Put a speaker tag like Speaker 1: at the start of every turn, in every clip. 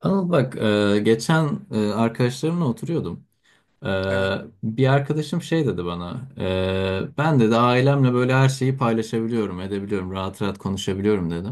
Speaker 1: Anıl bak geçen arkadaşlarımla oturuyordum. Ee,
Speaker 2: Evet,
Speaker 1: Bir arkadaşım şey dedi bana. Ben dedi ailemle böyle her şeyi paylaşabiliyorum, edebiliyorum, rahat rahat konuşabiliyorum dedi.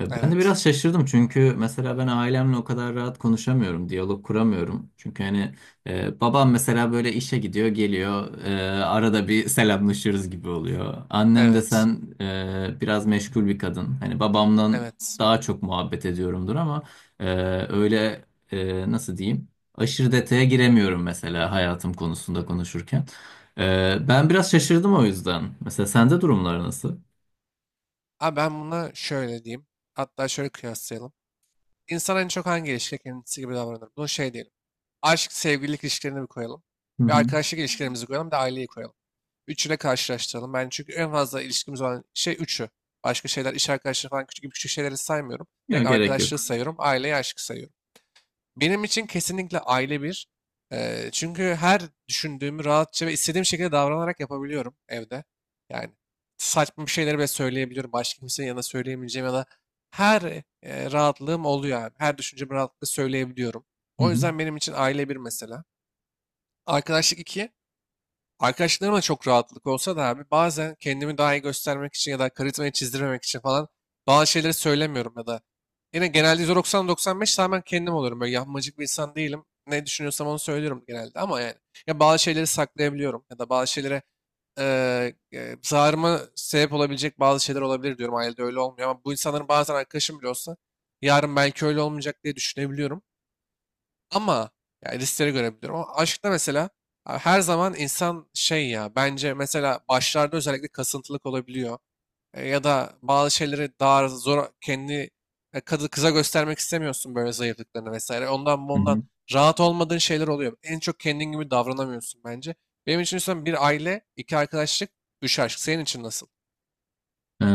Speaker 1: Ben de
Speaker 2: evet,
Speaker 1: biraz şaşırdım çünkü mesela ben ailemle o kadar rahat konuşamıyorum, diyalog kuramıyorum. Çünkü hani babam mesela böyle işe gidiyor, geliyor, arada bir selamlaşıyoruz gibi oluyor. Annem de
Speaker 2: evet,
Speaker 1: sen biraz meşgul bir kadın. Hani babamdan
Speaker 2: evet.
Speaker 1: daha çok muhabbet ediyorumdur ama e, öyle, nasıl diyeyim? Aşırı detaya giremiyorum mesela hayatım konusunda konuşurken. Ben biraz şaşırdım o yüzden. Mesela sende durumlar nasıl?
Speaker 2: Abi ben buna şöyle diyeyim. Hatta şöyle kıyaslayalım. İnsan en çok hangi ilişkide kendisi gibi davranır? Bunu şey diyelim. Aşk, sevgililik ilişkilerini bir koyalım.
Speaker 1: Hı
Speaker 2: Bir
Speaker 1: hı.
Speaker 2: arkadaşlık ilişkilerimizi koyalım. Bir de aileyi koyalım. Üçüyle karşılaştıralım. Ben çünkü en fazla ilişkimiz olan şey üçü. Başka şeyler, iş arkadaşları falan küçük küçük şeyleri saymıyorum. Direkt
Speaker 1: Yok gerek
Speaker 2: arkadaşlığı
Speaker 1: yok.
Speaker 2: sayıyorum. Aileyi, aşkı sayıyorum. Benim için kesinlikle aile bir. Çünkü her düşündüğümü rahatça ve istediğim şekilde davranarak yapabiliyorum evde. Yani saçma bir şeyleri bile söyleyebiliyorum. Başka kimsenin yanına söyleyemeyeceğim ya da her rahatlığım oluyor abi. Her düşüncemi rahatlıkla söyleyebiliyorum.
Speaker 1: Hı
Speaker 2: O
Speaker 1: hı.
Speaker 2: yüzden benim için aile bir mesela. Arkadaşlık iki. Arkadaşlarıma çok rahatlık olsa da abi bazen kendimi daha iyi göstermek için ya da karizmayı çizdirmemek için falan bazı şeyleri söylemiyorum ya da yine genelde %90-95 tamamen kendim olurum. Böyle yapmacık bir insan değilim. Ne düşünüyorsam onu söylüyorum genelde ama yani ya bazı şeyleri saklayabiliyorum ya da bazı şeylere zararıma sebep olabilecek bazı şeyler olabilir diyorum. Ailede öyle olmuyor ama bu insanların bazen arkadaşım bile olsa yarın belki öyle olmayacak diye düşünebiliyorum. Ama yani riskleri görebiliyorum. Ama aşkta mesela abi her zaman insan şey ya bence mesela başlarda özellikle kasıntılık olabiliyor. Ya da bazı şeyleri daha zor kendi kadı kıza göstermek istemiyorsun böyle zayıflıklarını vesaire. Ondan
Speaker 1: Hı
Speaker 2: bundan
Speaker 1: hı.
Speaker 2: rahat olmadığın şeyler oluyor. En çok kendin gibi davranamıyorsun bence. Benim için sen bir aile, iki arkadaşlık, üç aşk. Senin için nasıl?
Speaker 1: Ee,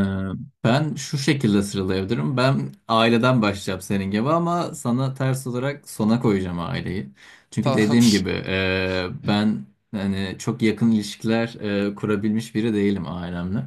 Speaker 1: Ben şu şekilde sıralayabilirim. Ben aileden başlayacağım senin gibi ama sana ters olarak sona koyacağım aileyi. Çünkü dediğim
Speaker 2: Tamamdır.
Speaker 1: gibi ben hani çok yakın ilişkiler kurabilmiş biri değilim ailemle.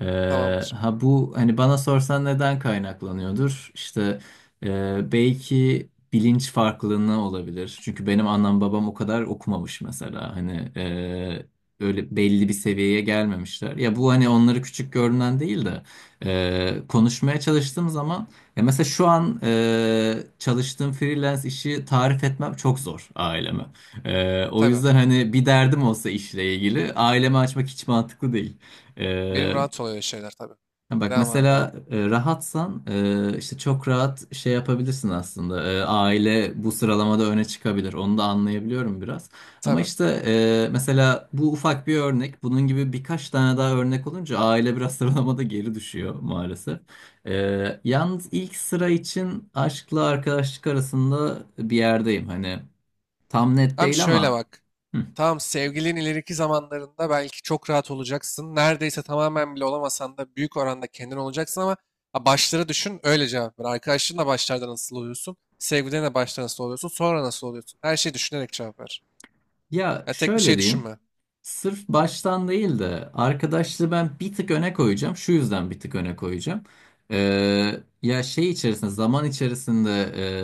Speaker 1: E,
Speaker 2: Tamamdır.
Speaker 1: ha bu hani bana sorsan neden kaynaklanıyordur? İşte belki bilinç farklılığı olabilir. Çünkü benim annem babam o kadar okumamış mesela. Hani öyle belli bir seviyeye gelmemişler. Ya bu hani onları küçük görünen değil de konuşmaya çalıştığım zaman, ya mesela şu an çalıştığım freelance işi tarif etmem çok zor aileme. O
Speaker 2: Tabii.
Speaker 1: yüzden hani bir derdim olsa işle ilgili aileme açmak hiç mantıklı değil.
Speaker 2: Benim
Speaker 1: E,
Speaker 2: rahat oluyor şeyler tabii.
Speaker 1: Ha bak
Speaker 2: Devam abi
Speaker 1: mesela,
Speaker 2: devam.
Speaker 1: rahatsan işte çok rahat şey yapabilirsin aslında. Aile bu sıralamada öne çıkabilir. Onu da anlayabiliyorum biraz. Ama
Speaker 2: Tabii.
Speaker 1: işte mesela bu ufak bir örnek. Bunun gibi birkaç tane daha örnek olunca aile biraz sıralamada geri düşüyor maalesef. Yalnız ilk sıra için aşkla arkadaşlık arasında bir yerdeyim. Hani tam net
Speaker 2: Tam
Speaker 1: değil
Speaker 2: şöyle
Speaker 1: ama.
Speaker 2: bak.
Speaker 1: Hı.
Speaker 2: Tamam sevgilin ileriki zamanlarında belki çok rahat olacaksın. Neredeyse tamamen bile olamasan da büyük oranda kendin olacaksın ama ha, başları düşün öyle cevap ver. Arkadaşlarınla başlarda nasıl oluyorsun? Sevgilinle başta nasıl oluyorsun? Sonra nasıl oluyorsun? Her şeyi düşünerek cevap ver.
Speaker 1: Ya
Speaker 2: Ya tek bir
Speaker 1: şöyle
Speaker 2: şey
Speaker 1: diyeyim.
Speaker 2: düşünme.
Speaker 1: Sırf baştan değil de arkadaşlığı ben bir tık öne koyacağım. Şu yüzden bir tık öne koyacağım. Ya şey içerisinde, zaman içerisinde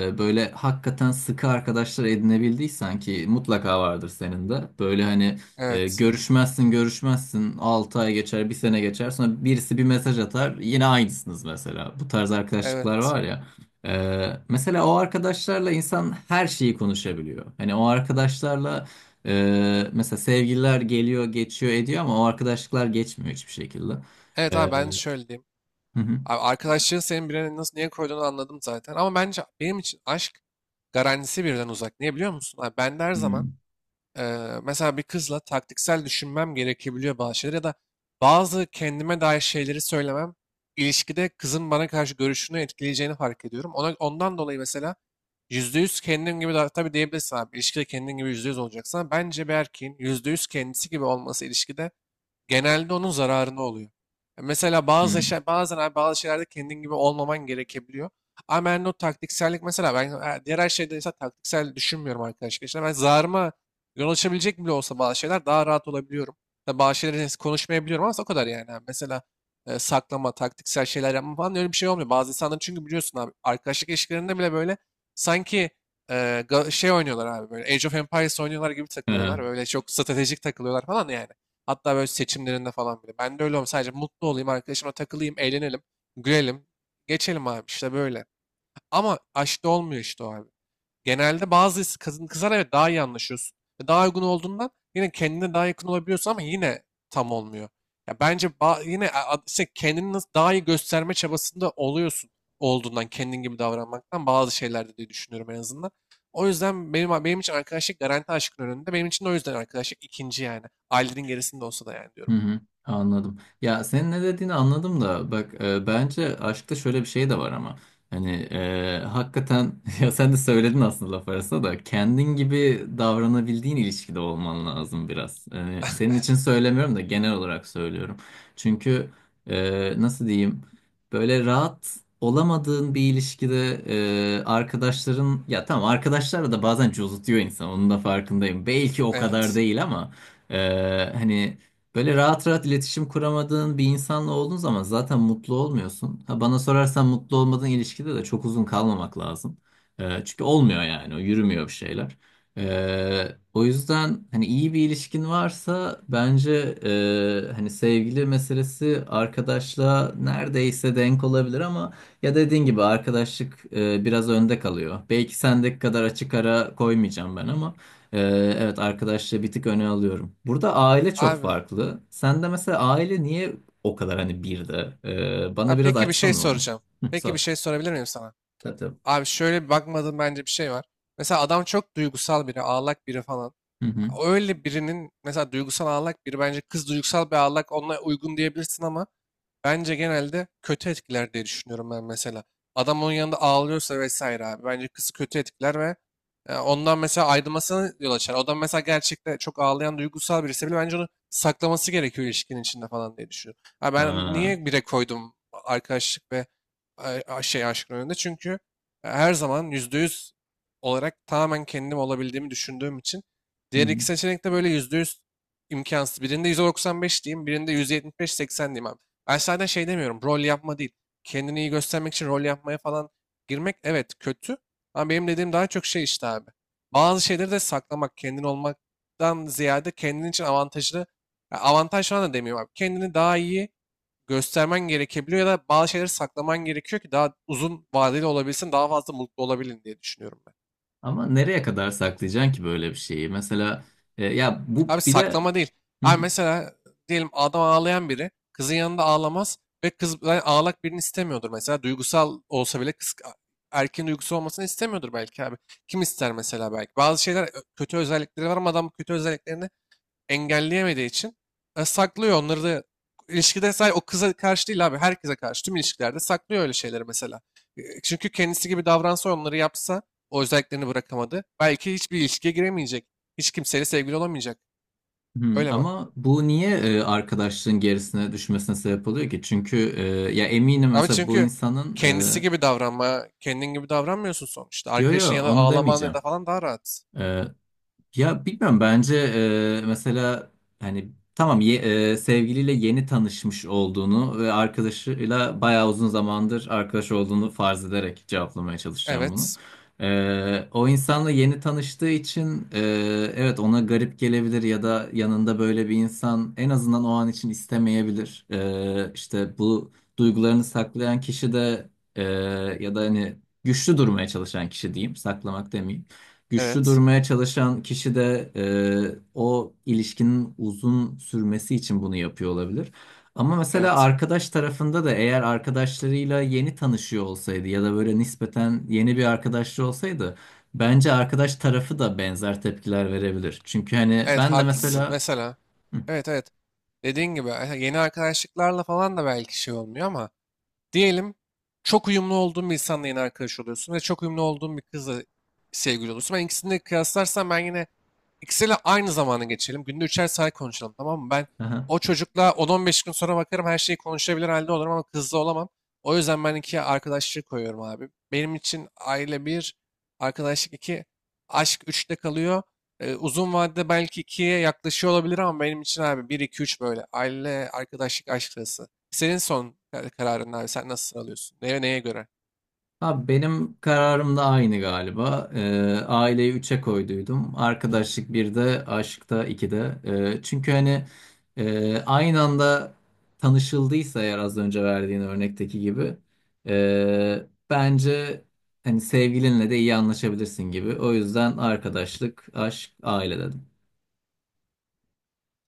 Speaker 1: böyle hakikaten sıkı arkadaşlar edinebildiysen, ki mutlaka vardır senin de. Böyle hani
Speaker 2: Evet.
Speaker 1: görüşmezsin görüşmezsin, 6 ay geçer, bir sene geçer, sonra birisi bir mesaj atar, yine aynısınız mesela. Bu tarz arkadaşlıklar
Speaker 2: Evet.
Speaker 1: var ya. Mesela o arkadaşlarla insan her şeyi konuşabiliyor. Hani o arkadaşlarla mesela sevgililer geliyor, geçiyor, ediyor ama o arkadaşlıklar geçmiyor hiçbir şekilde.
Speaker 2: Evet
Speaker 1: Ee,
Speaker 2: abi ben şöyle diyeyim.
Speaker 1: hı hı.
Speaker 2: Abi arkadaşlığın senin birine nasıl niye koyduğunu anladım zaten. Ama bence benim için aşk garantisi birden uzak. Niye biliyor musun? Abi ben de her zaman mesela bir kızla taktiksel düşünmem gerekebiliyor bazı şeyler ya da bazı kendime dair şeyleri söylemem ilişkide kızın bana karşı görüşünü etkileyeceğini fark ediyorum. Ona, ondan dolayı mesela %100 kendim gibi tabii diyebilirsin abi ilişkide kendin gibi %100 olacaksan bence bir erkeğin %100 kendisi gibi olması ilişkide genelde onun zararına oluyor. Ya mesela bazen abi bazı şeylerde kendin gibi olmaman gerekebiliyor. Ama ben de o taktiksellik mesela ben diğer her şeyde ise taktiksel düşünmüyorum arkadaşlar. İşte ben zararıma yol açabilecek bile olsa bazı şeyler daha rahat olabiliyorum. Tabii bazı şeyleri konuşmayabiliyorum ama o kadar yani. Abi. Mesela saklama, taktiksel şeyler yapma falan öyle bir şey olmuyor. Bazı insanların çünkü biliyorsun abi arkadaşlık ilişkilerinde bile böyle sanki e, şey oynuyorlar abi böyle Age of Empires oynuyorlar gibi
Speaker 1: Hı
Speaker 2: takılıyorlar.
Speaker 1: hı.
Speaker 2: Böyle çok stratejik takılıyorlar falan yani. Hatta böyle seçimlerinde falan bile. Ben de öyle olmam. Sadece mutlu olayım, arkadaşıma takılayım, eğlenelim, gülelim. Geçelim abi işte böyle. Ama aşkta olmuyor işte o abi genelde bazı kadın kızlar evet daha iyi anlaşıyorsun. Ve daha uygun olduğundan yine kendine daha yakın olabiliyorsun ama yine tam olmuyor. Ya bence ba- yine a- a- işte kendini nasıl daha iyi gösterme çabasında oluyorsun olduğundan kendin gibi davranmaktan bazı şeylerde diye düşünüyorum en azından. O yüzden benim için arkadaşlık garanti aşkın önünde. Benim için de o yüzden arkadaşlık ikinci yani. Ailenin gerisinde olsa da yani
Speaker 1: Hı
Speaker 2: diyorum.
Speaker 1: hı, anladım. Ya senin ne dediğini anladım da bak, bence aşkta şöyle bir şey de var ama hani, hakikaten ya sen de söyledin aslında laf arasında da kendin gibi davranabildiğin ilişkide olman lazım biraz. Yani senin için söylemiyorum da genel olarak söylüyorum. Çünkü, nasıl diyeyim, böyle rahat olamadığın bir ilişkide arkadaşların, ya tamam arkadaşlarla da bazen cozutuyor insan, onun da farkındayım. Belki o kadar
Speaker 2: Evet.
Speaker 1: değil ama hani böyle rahat rahat iletişim kuramadığın bir insanla olduğun zaman zaten mutlu olmuyorsun. Ha, bana sorarsan mutlu olmadığın ilişkide de çok uzun kalmamak lazım. Çünkü olmuyor yani, o yürümüyor bir şeyler. O yüzden hani iyi bir ilişkin varsa bence hani sevgili meselesi arkadaşla neredeyse denk olabilir ama ya, dediğin gibi arkadaşlık biraz önde kalıyor. Belki sendeki kadar açık ara koymayacağım ben ama. Ee, evet, arkadaşlığı bir tık öne alıyorum. Burada aile çok
Speaker 2: Abi.
Speaker 1: farklı. Sen de mesela aile niye o kadar hani bir de? Bana
Speaker 2: Ha,
Speaker 1: biraz
Speaker 2: peki bir şey
Speaker 1: açsana onu.
Speaker 2: soracağım.
Speaker 1: Hı,
Speaker 2: Peki bir
Speaker 1: sor.
Speaker 2: şey sorabilir miyim sana?
Speaker 1: Tabii tabii.
Speaker 2: Abi şöyle bir bakmadığım bence bir şey var. Mesela adam çok duygusal biri, ağlak biri falan.
Speaker 1: Hı hı.
Speaker 2: Öyle birinin mesela duygusal ağlak biri bence kız duygusal bir ağlak onunla uygun diyebilirsin ama bence genelde kötü etkiler diye düşünüyorum ben mesela. Adam onun yanında ağlıyorsa vesaire abi. Bence kızı kötü etkiler ve ondan mesela ayrılmasına yol açar. O da mesela gerçekten çok ağlayan duygusal birisi bile bence onu saklaması gerekiyor ilişkinin içinde falan diye düşünüyorum. Ha ben
Speaker 1: Ha,
Speaker 2: niye bire koydum arkadaşlık ve şey aşkın önünde? Çünkü her zaman %100 olarak tamamen kendim olabildiğimi düşündüğüm için
Speaker 1: hı
Speaker 2: diğer
Speaker 1: hı.
Speaker 2: iki seçenek de böyle %100 imkansız. Birinde %95 diyeyim, birinde %75-80 diyeyim abi. Ben zaten şey demiyorum. Rol yapma değil. Kendini iyi göstermek için rol yapmaya falan girmek evet kötü. Ama benim dediğim daha çok şey işte abi. Bazı şeyleri de saklamak, kendin olmaktan ziyade kendin için avantajlı. Ya avantaj falan da demiyorum abi. Kendini daha iyi göstermen gerekebiliyor ya da bazı şeyleri saklaman gerekiyor ki daha uzun vadeli olabilsin, daha fazla mutlu olabilin diye düşünüyorum ben.
Speaker 1: Ama nereye kadar saklayacaksın ki böyle bir şeyi? Mesela ya bu
Speaker 2: Abi
Speaker 1: bir de.
Speaker 2: saklama değil.
Speaker 1: Hı
Speaker 2: Abi
Speaker 1: hı.
Speaker 2: mesela diyelim adam ağlayan biri kızın yanında ağlamaz ve kız yani ağlak birini istemiyordur mesela. Duygusal olsa bile kız erkeğin duygusu olmasını istemiyordur belki abi. Kim ister mesela belki. Bazı şeyler kötü özellikleri var ama adam bu kötü özelliklerini engelleyemediği için saklıyor onları da ilişkide sadece o kıza karşı değil abi herkese karşı tüm ilişkilerde saklıyor öyle şeyleri mesela. Çünkü kendisi gibi davransa onları yapsa o özelliklerini bırakamadı. Belki hiçbir ilişkiye giremeyecek. Hiç kimseyle sevgili olamayacak.
Speaker 1: Hı.
Speaker 2: Öyle bak.
Speaker 1: Ama bu niye arkadaşlığın gerisine düşmesine sebep oluyor ki? Çünkü ya eminim
Speaker 2: Abi
Speaker 1: mesela bu
Speaker 2: çünkü
Speaker 1: insanın
Speaker 2: kendisi
Speaker 1: e,
Speaker 2: gibi davranma, kendin gibi davranmıyorsun sonuçta.
Speaker 1: yo
Speaker 2: Arkadaşın
Speaker 1: yo
Speaker 2: yanında
Speaker 1: onu
Speaker 2: ağlaman ya
Speaker 1: demeyeceğim.
Speaker 2: da falan daha rahat.
Speaker 1: E, Ya bilmiyorum, bence mesela hani tamam sevgiliyle yeni tanışmış olduğunu ve arkadaşıyla bayağı uzun zamandır arkadaş olduğunu farz ederek cevaplamaya çalışacağım bunu.
Speaker 2: Evet,
Speaker 1: O insanla yeni tanıştığı için evet, ona garip gelebilir ya da yanında böyle bir insan en azından o an için istemeyebilir. İşte bu duygularını saklayan kişi de, e, ya da hani güçlü durmaya çalışan kişi diyeyim, saklamak demeyeyim, güçlü
Speaker 2: evet,
Speaker 1: durmaya çalışan kişi de o ilişkinin uzun sürmesi için bunu yapıyor olabilir. Ama mesela
Speaker 2: evet.
Speaker 1: arkadaş tarafında da eğer arkadaşlarıyla yeni tanışıyor olsaydı ya da böyle nispeten yeni bir arkadaşlığı olsaydı bence arkadaş tarafı da benzer tepkiler verebilir. Çünkü hani
Speaker 2: Evet
Speaker 1: ben de
Speaker 2: haklısın.
Speaker 1: mesela.
Speaker 2: Mesela.
Speaker 1: Hı,
Speaker 2: Evet. Dediğin gibi yeni arkadaşlıklarla falan da belki şey olmuyor ama diyelim çok uyumlu olduğum bir insanla yeni arkadaş oluyorsun ve çok uyumlu olduğum bir kızla sevgili oluyorsun. Ben ikisini de kıyaslarsam ben yine ikisiyle aynı zamanı geçelim. Günde üçer saat konuşalım tamam mı? Ben
Speaker 1: aha.
Speaker 2: o çocukla 10-15 gün sonra bakarım her şeyi konuşabilir halde olurum ama kızla olamam. O yüzden ben ikiye arkadaşlığı koyuyorum abi. Benim için aile bir, arkadaşlık iki, aşk üçte kalıyor. Uzun vadede belki ikiye yaklaşıyor olabilir ama benim için abi bir, iki, üç böyle. Aile, arkadaşlık, aşk arası. Senin son kararın abi. Sen nasıl alıyorsun? Neye göre?
Speaker 1: Abi benim kararım da aynı galiba. Aileyi üçe koyduydum. Arkadaşlık birde, aşkta ikide. Çünkü hani, aynı anda tanışıldıysa eğer, az önce verdiğin örnekteki gibi bence hani sevgilinle de iyi anlaşabilirsin gibi. O yüzden arkadaşlık, aşk, aile dedim.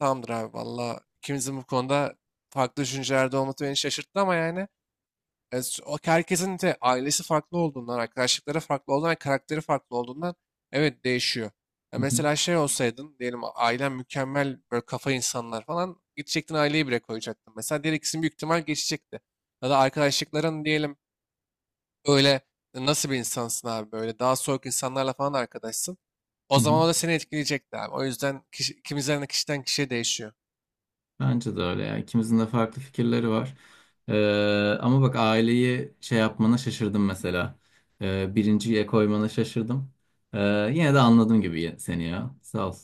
Speaker 2: Tamamdır abi valla. İkimizin bu konuda farklı düşüncelerde olması beni şaşırttı ama yani o herkesin de ailesi farklı olduğundan, arkadaşlıkları farklı olduğundan, karakteri farklı olduğundan evet değişiyor. Ya
Speaker 1: Hı hı,
Speaker 2: mesela şey olsaydın diyelim ailen mükemmel böyle kafa insanlar falan gidecektin aileyi bile koyacaktın. Mesela diğer ikisini büyük ihtimal geçecekti. Ya da arkadaşlıkların diyelim öyle nasıl bir insansın abi böyle daha soğuk insanlarla falan arkadaşsın. O
Speaker 1: hı
Speaker 2: zaman
Speaker 1: hı.
Speaker 2: o da seni etkileyecekti abi. O yüzden kişiden kişiye değişiyor.
Speaker 1: Bence de öyle ya. İkimizin de farklı fikirleri var. Ama bak, aileyi şey yapmana şaşırdım mesela. Birinciye koymana şaşırdım. Ee, Yine de anladım gibi seni ya. Sağ ol.